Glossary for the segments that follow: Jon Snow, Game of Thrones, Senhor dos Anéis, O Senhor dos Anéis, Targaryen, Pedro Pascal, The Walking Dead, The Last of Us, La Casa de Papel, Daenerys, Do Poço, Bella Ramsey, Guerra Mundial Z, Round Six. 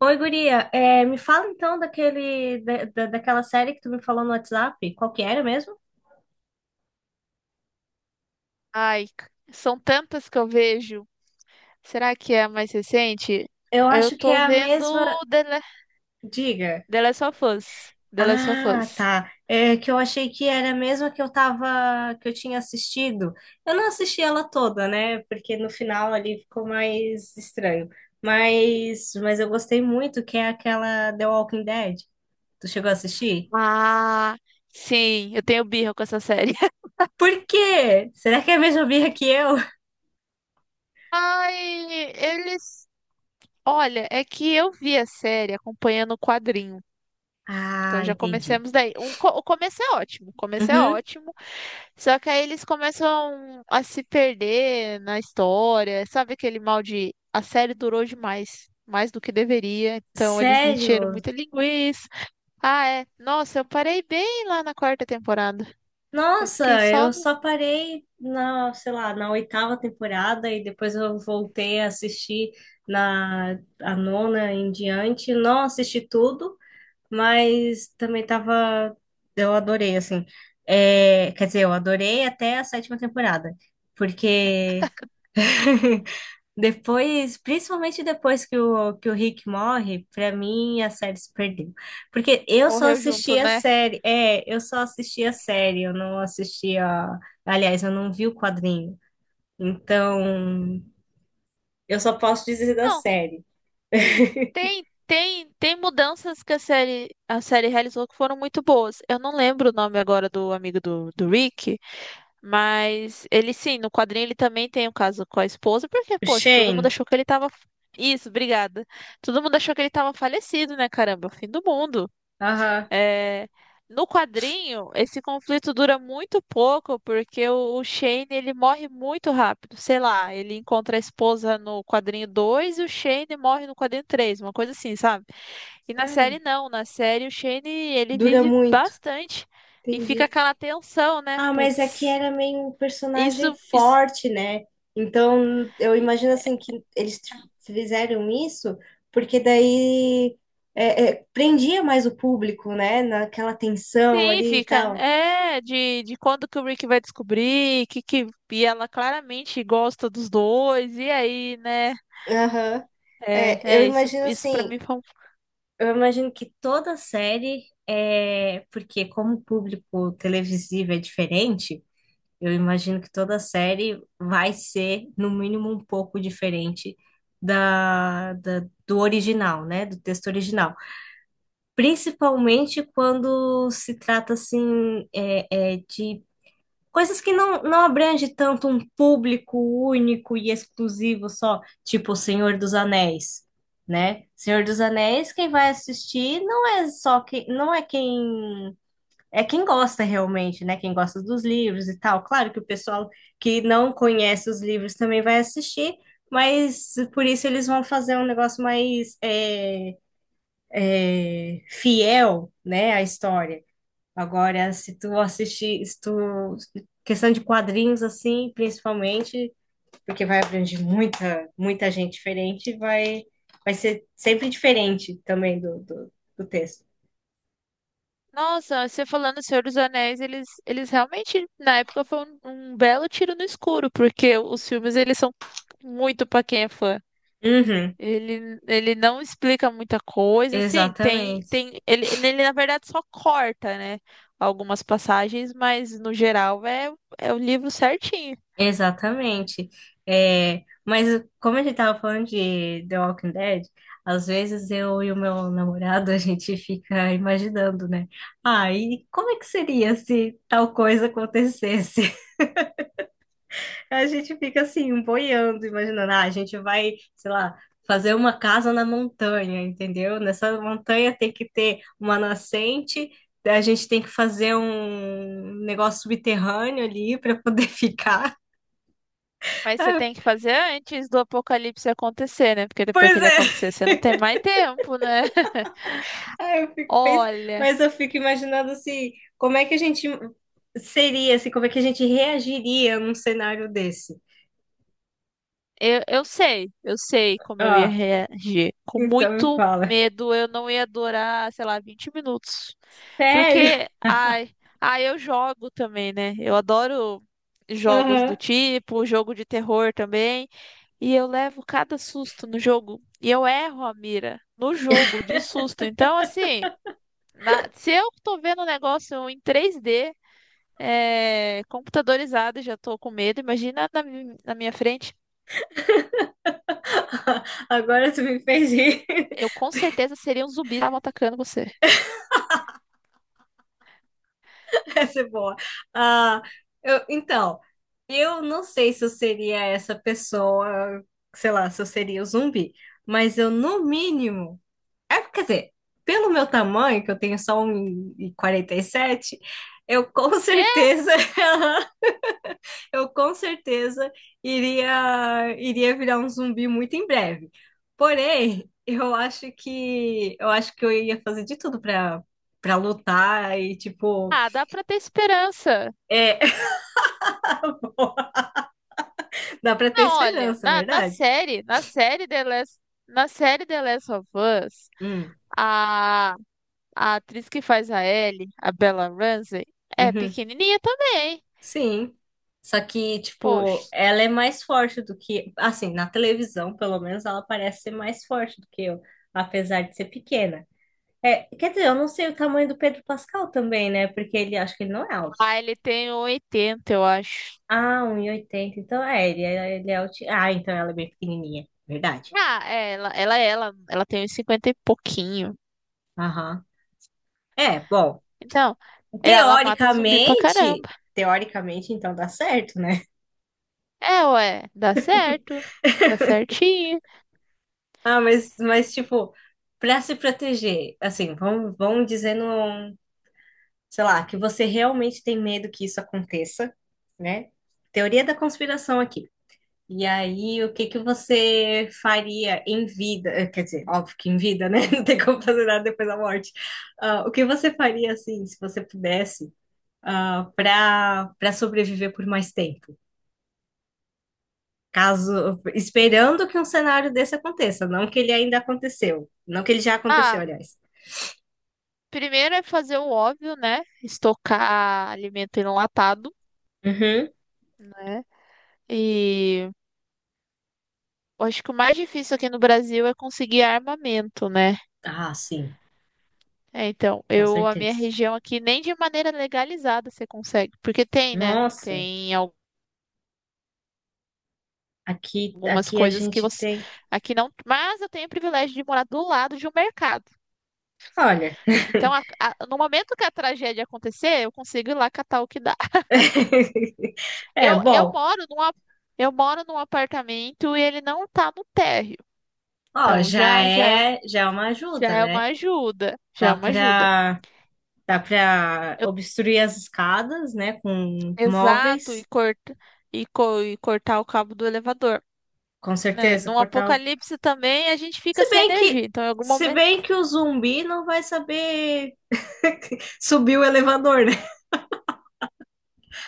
Oi, guria. É, me fala então daquele, daquela série que tu me falou no WhatsApp. Qual que era mesmo? Ai, são tantas que eu vejo. Será que é a mais recente? Eu Eu acho que tô é a vendo mesma. The, Le- Diga. The Last of Us. The Last of Ah, Us. tá. É que eu achei que era a mesma que eu tinha assistido. Eu não assisti ela toda, né? Porque no final ali ficou mais estranho. Mas eu gostei muito, que é aquela The Walking Dead. Tu chegou a assistir? Ah, sim, eu tenho birra com essa série. Por quê? Será que é a mesma birra que eu? Ai, eles. Olha, é que eu vi a série acompanhando o quadrinho. Então Ah, já entendi. começamos daí. O começo é ótimo, o começo é Uhum. ótimo. Só que aí eles começam a se perder na história. Sabe aquele mal de a série durou demais, mais do que deveria. Então eles encheram Sério? muita linguiça. Ah, é. Nossa, eu parei bem lá na quarta temporada. Eu fiquei Nossa, só eu no. só parei na, sei lá, na oitava temporada e depois eu voltei a assistir na a nona em diante. Não assisti tudo, mas também tava, eu adorei assim. É, quer dizer, eu adorei até a sétima temporada, porque depois, principalmente depois que o Rick morre, pra mim a série se perdeu. Porque eu só Morreu junto, assistia a né? série. É, eu só assistia a série, eu não assistia. Aliás, eu não vi o quadrinho. Então, eu só posso dizer da Não, série. tem mudanças que a série realizou que foram muito boas. Eu não lembro o nome agora do amigo do Rick. Mas ele sim, no quadrinho ele também tem um caso com a esposa, porque, O poxa, todo mundo Shane, achou que ele tava. Isso, obrigada. Todo mundo achou que ele tava falecido, né? Caramba, fim do mundo. aham, É, no quadrinho, esse conflito dura muito pouco, porque o Shane ele morre muito rápido. Sei lá, ele encontra a esposa no quadrinho 2 e o Shane morre no quadrinho três, uma coisa assim, sabe? E na sério, série não, na série o Shane ele dura vive muito. bastante e fica Entendi. aquela tensão, né? Ah, mas aqui Putz. era meio um personagem Isso, isso. forte, né? Então, eu imagino assim que eles fizeram isso porque daí prendia mais o público, né? Naquela tensão Sim, ali e fica. tal. É, de quando que o Rick vai descobrir, que e ela claramente gosta dos dois, e aí, né? Aham. É, É, eu é isso, imagino isso para assim, mim foi um. eu imagino que toda série é porque como o público televisivo é diferente, eu imagino que toda série vai ser, no mínimo, um pouco diferente da, da- do original, né? Do texto original. Principalmente quando se trata, assim, de coisas que não abrange tanto um público único e exclusivo só, tipo O Senhor dos Anéis. Né? Senhor dos Anéis, quem vai assistir não é só quem, não é quem é quem gosta realmente, né? Quem gosta dos livros e tal. Claro que o pessoal que não conhece os livros também vai assistir, mas por isso eles vão fazer um negócio mais fiel, né, à história. Agora, se tu assistir, se tu, questão de quadrinhos assim, principalmente, porque vai abranger muita, muita gente diferente, vai ser sempre diferente também do texto. Nossa, você falando Senhor dos Anéis, eles realmente, na época, foi um belo tiro no escuro, porque os filmes, eles são muito pra quem é fã. Uhum, Ele não explica muita coisa, assim, tem, exatamente. tem, ele, ele na verdade só corta, né, algumas passagens, mas no geral é o livro certinho. Exatamente. É, mas como a gente tava falando de The Walking Dead, às vezes eu e o meu namorado a gente fica imaginando, né? Ah, e como é que seria se tal coisa acontecesse? A gente fica assim, boiando, imaginando, ah, a gente vai, sei lá, fazer uma casa na montanha, entendeu? Nessa montanha tem que ter uma nascente. A gente tem que fazer um negócio subterrâneo ali para poder ficar. Mas você tem que fazer antes do apocalipse acontecer, né, porque depois Pois que ele é. acontecer você não tem mais tempo, né? Ah, Olha. mas eu fico imaginando assim, como é que a gente seria, assim, como é que a gente reagiria num cenário desse. Eu sei, como eu ia Ah, reagir. Com então me muito fala. medo, eu não ia durar, sei lá, 20 minutos. Sério? Porque, ai, ai, eu jogo também, né? Eu adoro jogos do Aham. tipo, jogo de terror também. E eu levo cada susto no jogo. E eu erro a mira no jogo de susto. Então, assim, se eu tô vendo um negócio em 3D, computadorizado, e já tô com medo. Imagina na minha frente. Agora tu me fez rir. Eu com certeza seria um zumbi que estavam atacando você. Essa é boa. Ah, então, eu não sei se eu seria essa pessoa, sei lá, se eu seria o zumbi, mas eu, no mínimo. É, quer dizer, pelo meu tamanho, que eu tenho só um e quarenta e sete, eu com Que? certeza, eu com certeza iria, virar um zumbi muito em breve. Porém, eu acho que eu ia fazer de tudo para lutar e tipo, Ah, dá pra ter esperança. é, dá para ter Não, olha, esperança, é verdade? Na série The Last of Us, Hum, a, a atriz que faz a Ellie, a Bella Ramsey, é uhum. pequenininha também. Sim. Só que, tipo, Poxa. ela é mais forte do que. Assim, na televisão, pelo menos, ela parece ser mais forte do que eu, apesar de ser pequena. É, quer dizer, eu não sei o tamanho do Pedro Pascal também, né? Porque ele acho que ele não é alto. Ah, ele tem 1,80, eu acho. Ah, 1,80. Então, é, ele é alto. Ah, então ela é bem pequenininha. Verdade. Ah, é, ela tem uns 50 e pouquinho. Aham. É, bom. Então, ela mata zumbi pra Teoricamente. caramba. Teoricamente, então dá certo, né? É, ué, dá certo, dá certinho. Ah, mas tipo, para se proteger, assim, vamos dizendo, sei lá, que você realmente tem medo que isso aconteça, né? Teoria da conspiração aqui. E aí, o que que você faria em vida? Quer dizer, óbvio que em vida, né? Não tem como fazer nada depois da morte. Ah, o que você faria, assim, se você pudesse, ah, para sobreviver por mais tempo? Caso, esperando que um cenário desse aconteça, não que ele ainda aconteceu, não que ele já aconteceu, Ah, aliás. primeiro é fazer o óbvio, né? Estocar alimento enlatado, Uhum. né? E eu acho que o mais difícil aqui no Brasil é conseguir armamento, né? Ah, sim, É, então, com eu, a minha certeza. região aqui, nem de maneira legalizada você consegue, porque tem, né? Nossa. Tem Aqui, algumas aqui a coisas que gente você tem. aqui não, mas eu tenho o privilégio de morar do lado de um mercado. Olha. Então, no momento que a tragédia acontecer, eu consigo ir lá catar o que dá. É, Eu, eu bom, moro num, a- eu moro num apartamento e ele não tá no térreo. ó, Então já já é, é, já é uma já ajuda, é né? uma ajuda, já é Dá uma ajuda. pra, dá pra Eu- obstruir as escadas, né, com Exato, e móveis, e cortar o cabo do elevador, com né? certeza, Num cortar o. apocalipse também a gente fica Se sem bem que, energia. Então em algum se momento, bem que o zumbi não vai saber subir o elevador, né?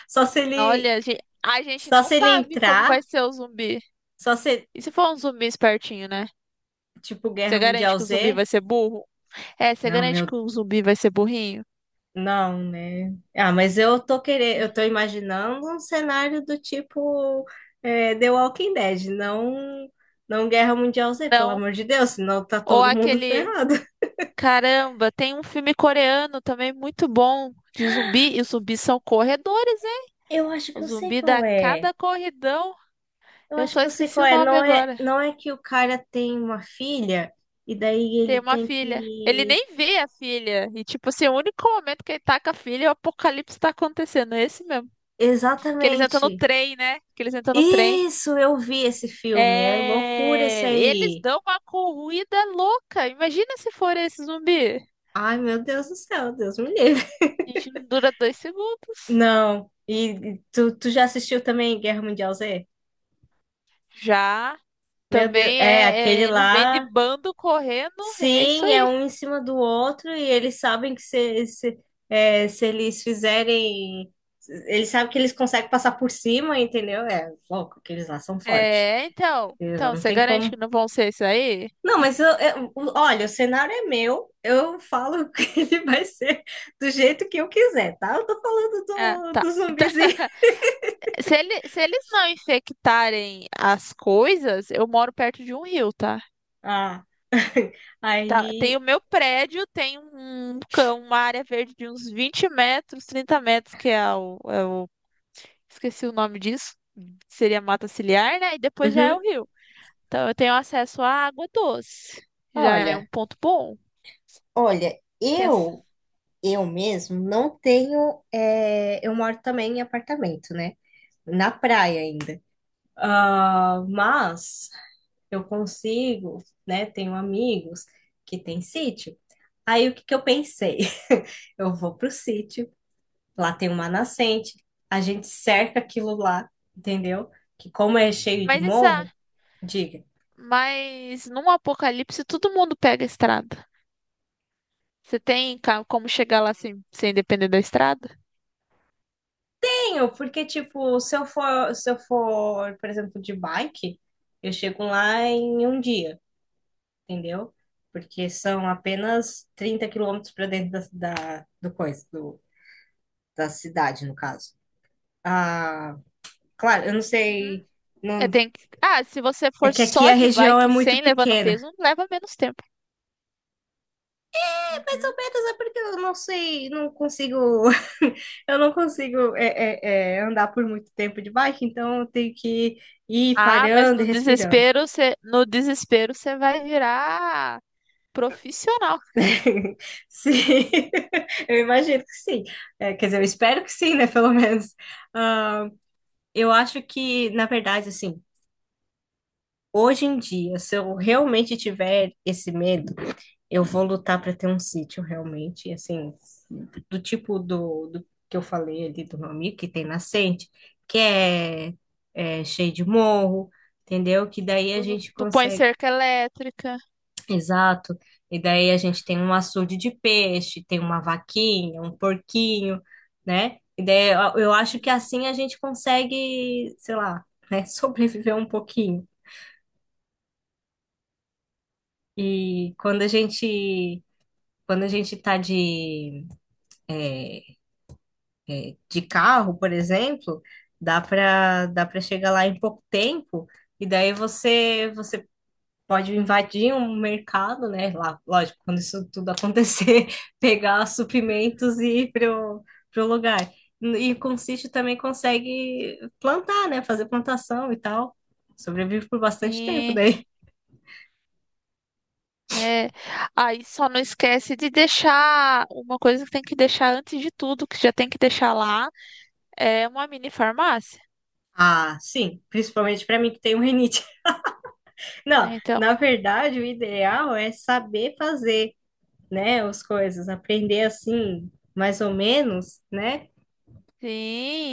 Só se ele, olha, a gente Só não se ele sabe como entrar, vai ser o zumbi. só se, E se for um zumbi espertinho, né? tipo, Você Guerra garante Mundial que o zumbi Z. vai ser burro? É, você Não, garante que meu. o zumbi vai ser burrinho? Não, né? Ah, mas eu tô imaginando um cenário do tipo The Walking Dead, não, não Guerra Mundial Z, pelo Não. amor de Deus, senão tá Ou todo mundo aquele ferrado. Caramba, tem um filme coreano também muito bom de zumbi, e os zumbis são corredores, hein? Eu acho que O eu sei zumbi qual dá é. cada corridão. Eu Eu acho só que eu sei esqueci qual o é. nome Não é, agora. não é que o cara tem uma filha e daí Tem ele uma tem filha. Ele que. nem vê a filha. E, tipo assim, o único momento que ele tá com a filha, é o apocalipse tá acontecendo. É esse mesmo. Que eles entram no Exatamente. trem, né? Que eles entram no trem. Isso, eu vi esse filme. É loucura esse É. Eles aí. dão uma corrida louca. Imagina se for esse zumbi. Ai, meu Deus do céu, Deus me livre. A gente não dura 2 segundos. Não. E tu já assistiu também Guerra Mundial Z? Já Meu Deus, também é é, aquele eles vêm de lá. bando correndo e é isso Sim, é aí. um em cima do outro e eles sabem que se eles fizerem. Eles sabem que eles conseguem passar por cima, entendeu? É louco, que eles lá são fortes. É, então, Eles lá então não você tem garante que como. não vão ser isso aí? Não, mas olha, o cenário é meu, eu falo que ele vai ser do jeito que eu quiser, tá? Eu tô falando Ah, do, tá. do Então, zumbizinho. Se eles não infectarem as coisas, eu moro perto de um rio, tá? Ah, Tá, tem o aí. meu prédio, tem um cão, uma área verde de uns 20 metros, 30 metros, que esqueci o nome disso, seria mata ciliar, né? E depois já é o Uhum. rio. Então eu tenho acesso à água doce. Já é um Olha, ponto bom. olha, eu mesmo não tenho. Eu moro também em apartamento, né? Na praia ainda. Ah, mas eu consigo, né? Tenho amigos que têm sítio. Aí o que que eu pensei? Eu vou pro sítio, lá tem uma nascente, a gente cerca aquilo lá, entendeu? Que como é cheio de Mas isso é. morro, diga. Mas num apocalipse todo mundo pega a estrada. Você tem como chegar lá sem, depender da estrada? Tenho, porque, tipo, se eu for, por exemplo, de bike, eu chego lá em um dia, entendeu? Porque são apenas 30 km para dentro da, da, do coisa, do, da cidade, no caso. Ah, claro, eu não Uhum. sei. Eu Não, tenho que. Ah, se você é for que aqui só a de região é bike muito sem levar no pequena. peso, leva menos tempo. É mais Uhum. ou menos, é porque eu não sei, não consigo. Eu não consigo é, andar por muito tempo de bike, então eu tenho que ir Ah, mas parando e respirando. No desespero você vai virar profissional. Sim, eu imagino que sim. É, quer dizer, eu espero que sim, né? Pelo menos. Ah, eu acho que, na verdade, assim, hoje em dia, se eu realmente tiver esse medo, eu vou lutar para ter um sítio realmente, assim, do tipo do que eu falei ali do meu amigo, que tem nascente, que é cheio de morro, entendeu? Que daí a Tu, gente tu põe consegue. cerca elétrica. Exato. E daí a gente tem um açude de peixe, tem uma vaquinha, um porquinho, né? E daí eu acho que Uhum. assim a gente consegue, sei lá, né, sobreviver um pouquinho. E quando a gente tá de carro, por exemplo, dá para chegar lá em pouco tempo. E daí você pode invadir um mercado, né? Lá, lógico, quando isso tudo acontecer, pegar suprimentos e ir pro lugar. E com o sítio também consegue plantar, né? Fazer plantação e tal. Sobrevive por bastante tempo Sim. daí. É, aí só não esquece de deixar uma coisa que tem que deixar antes de tudo, que já tem que deixar lá, é uma mini farmácia. Ah, sim, principalmente para mim que tenho rinite. Não, É, então, na verdade, o ideal é saber fazer, né, as coisas, aprender assim, mais ou menos, né?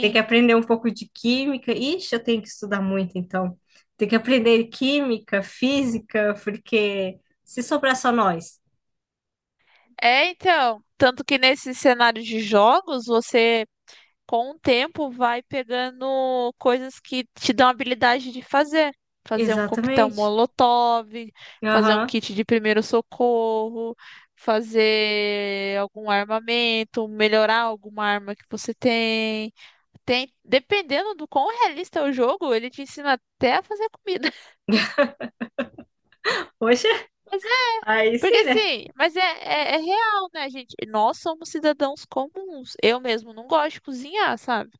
Tem que aprender um pouco de química. Ixi, eu tenho que estudar muito, então. Tem que aprender química, física, porque se sobrar só nós. É, então, tanto que nesse cenário de jogos, você com o tempo vai pegando coisas que te dão habilidade de fazer. Fazer um coquetel Exatamente. molotov, fazer um Aham. kit de primeiro socorro, fazer algum armamento, melhorar alguma arma que você tem. Tem, dependendo do quão realista é o jogo, ele te ensina até a fazer comida. Poxa, Mas é, aí porque sim, né? assim, é real, né, gente? Nós somos cidadãos comuns. Eu mesmo não gosto de cozinhar, sabe?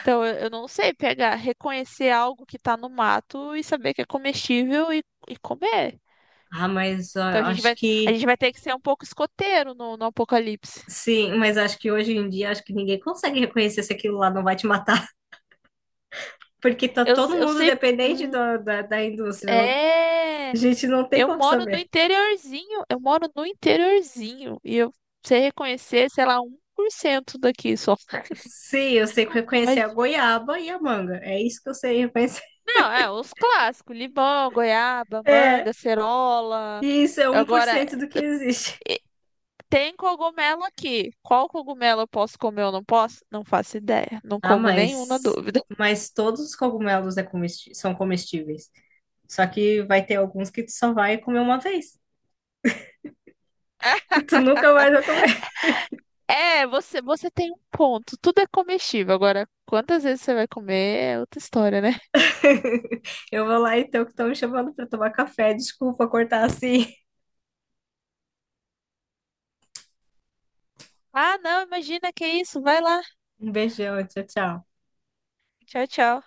Então eu não sei pegar, reconhecer algo que tá no mato e saber que é comestível e comer. Ah, mas ó, Então eu a gente acho vai, a que gente vai ter que ser um pouco escoteiro no apocalipse. sim, mas acho que hoje em dia acho que ninguém consegue reconhecer se aquilo lá não vai te matar, porque tá Eu, todo eu mundo sei. dependente Hum. Da indústria. É. A gente não tem Eu como moro no saber. interiorzinho, eu moro no interiorzinho. E eu sei reconhecer, sei lá, 1% daqui só. Sim, eu sei reconhecer a Mas, goiaba e a manga. É isso que eu sei reconhecer. não, é, os clássicos: limão, goiaba, manga, cerola. E isso é um por Agora, cento do que existe. tem cogumelo aqui. Qual cogumelo eu posso comer ou não posso? Não faço ideia. Não Ah, como nenhum na mas, dúvida. mas todos os cogumelos são comestíveis. Só que vai ter alguns que tu só vai comer uma vez, que tu nunca mais vai comer. É, você tem um ponto. Tudo é comestível. Agora, quantas vezes você vai comer é outra história, né? Eu vou lá então, que estão me chamando para tomar café. Desculpa cortar assim. Ah, não, imagina que isso. Vai lá. Um beijão, tchau, tchau. Tchau, tchau.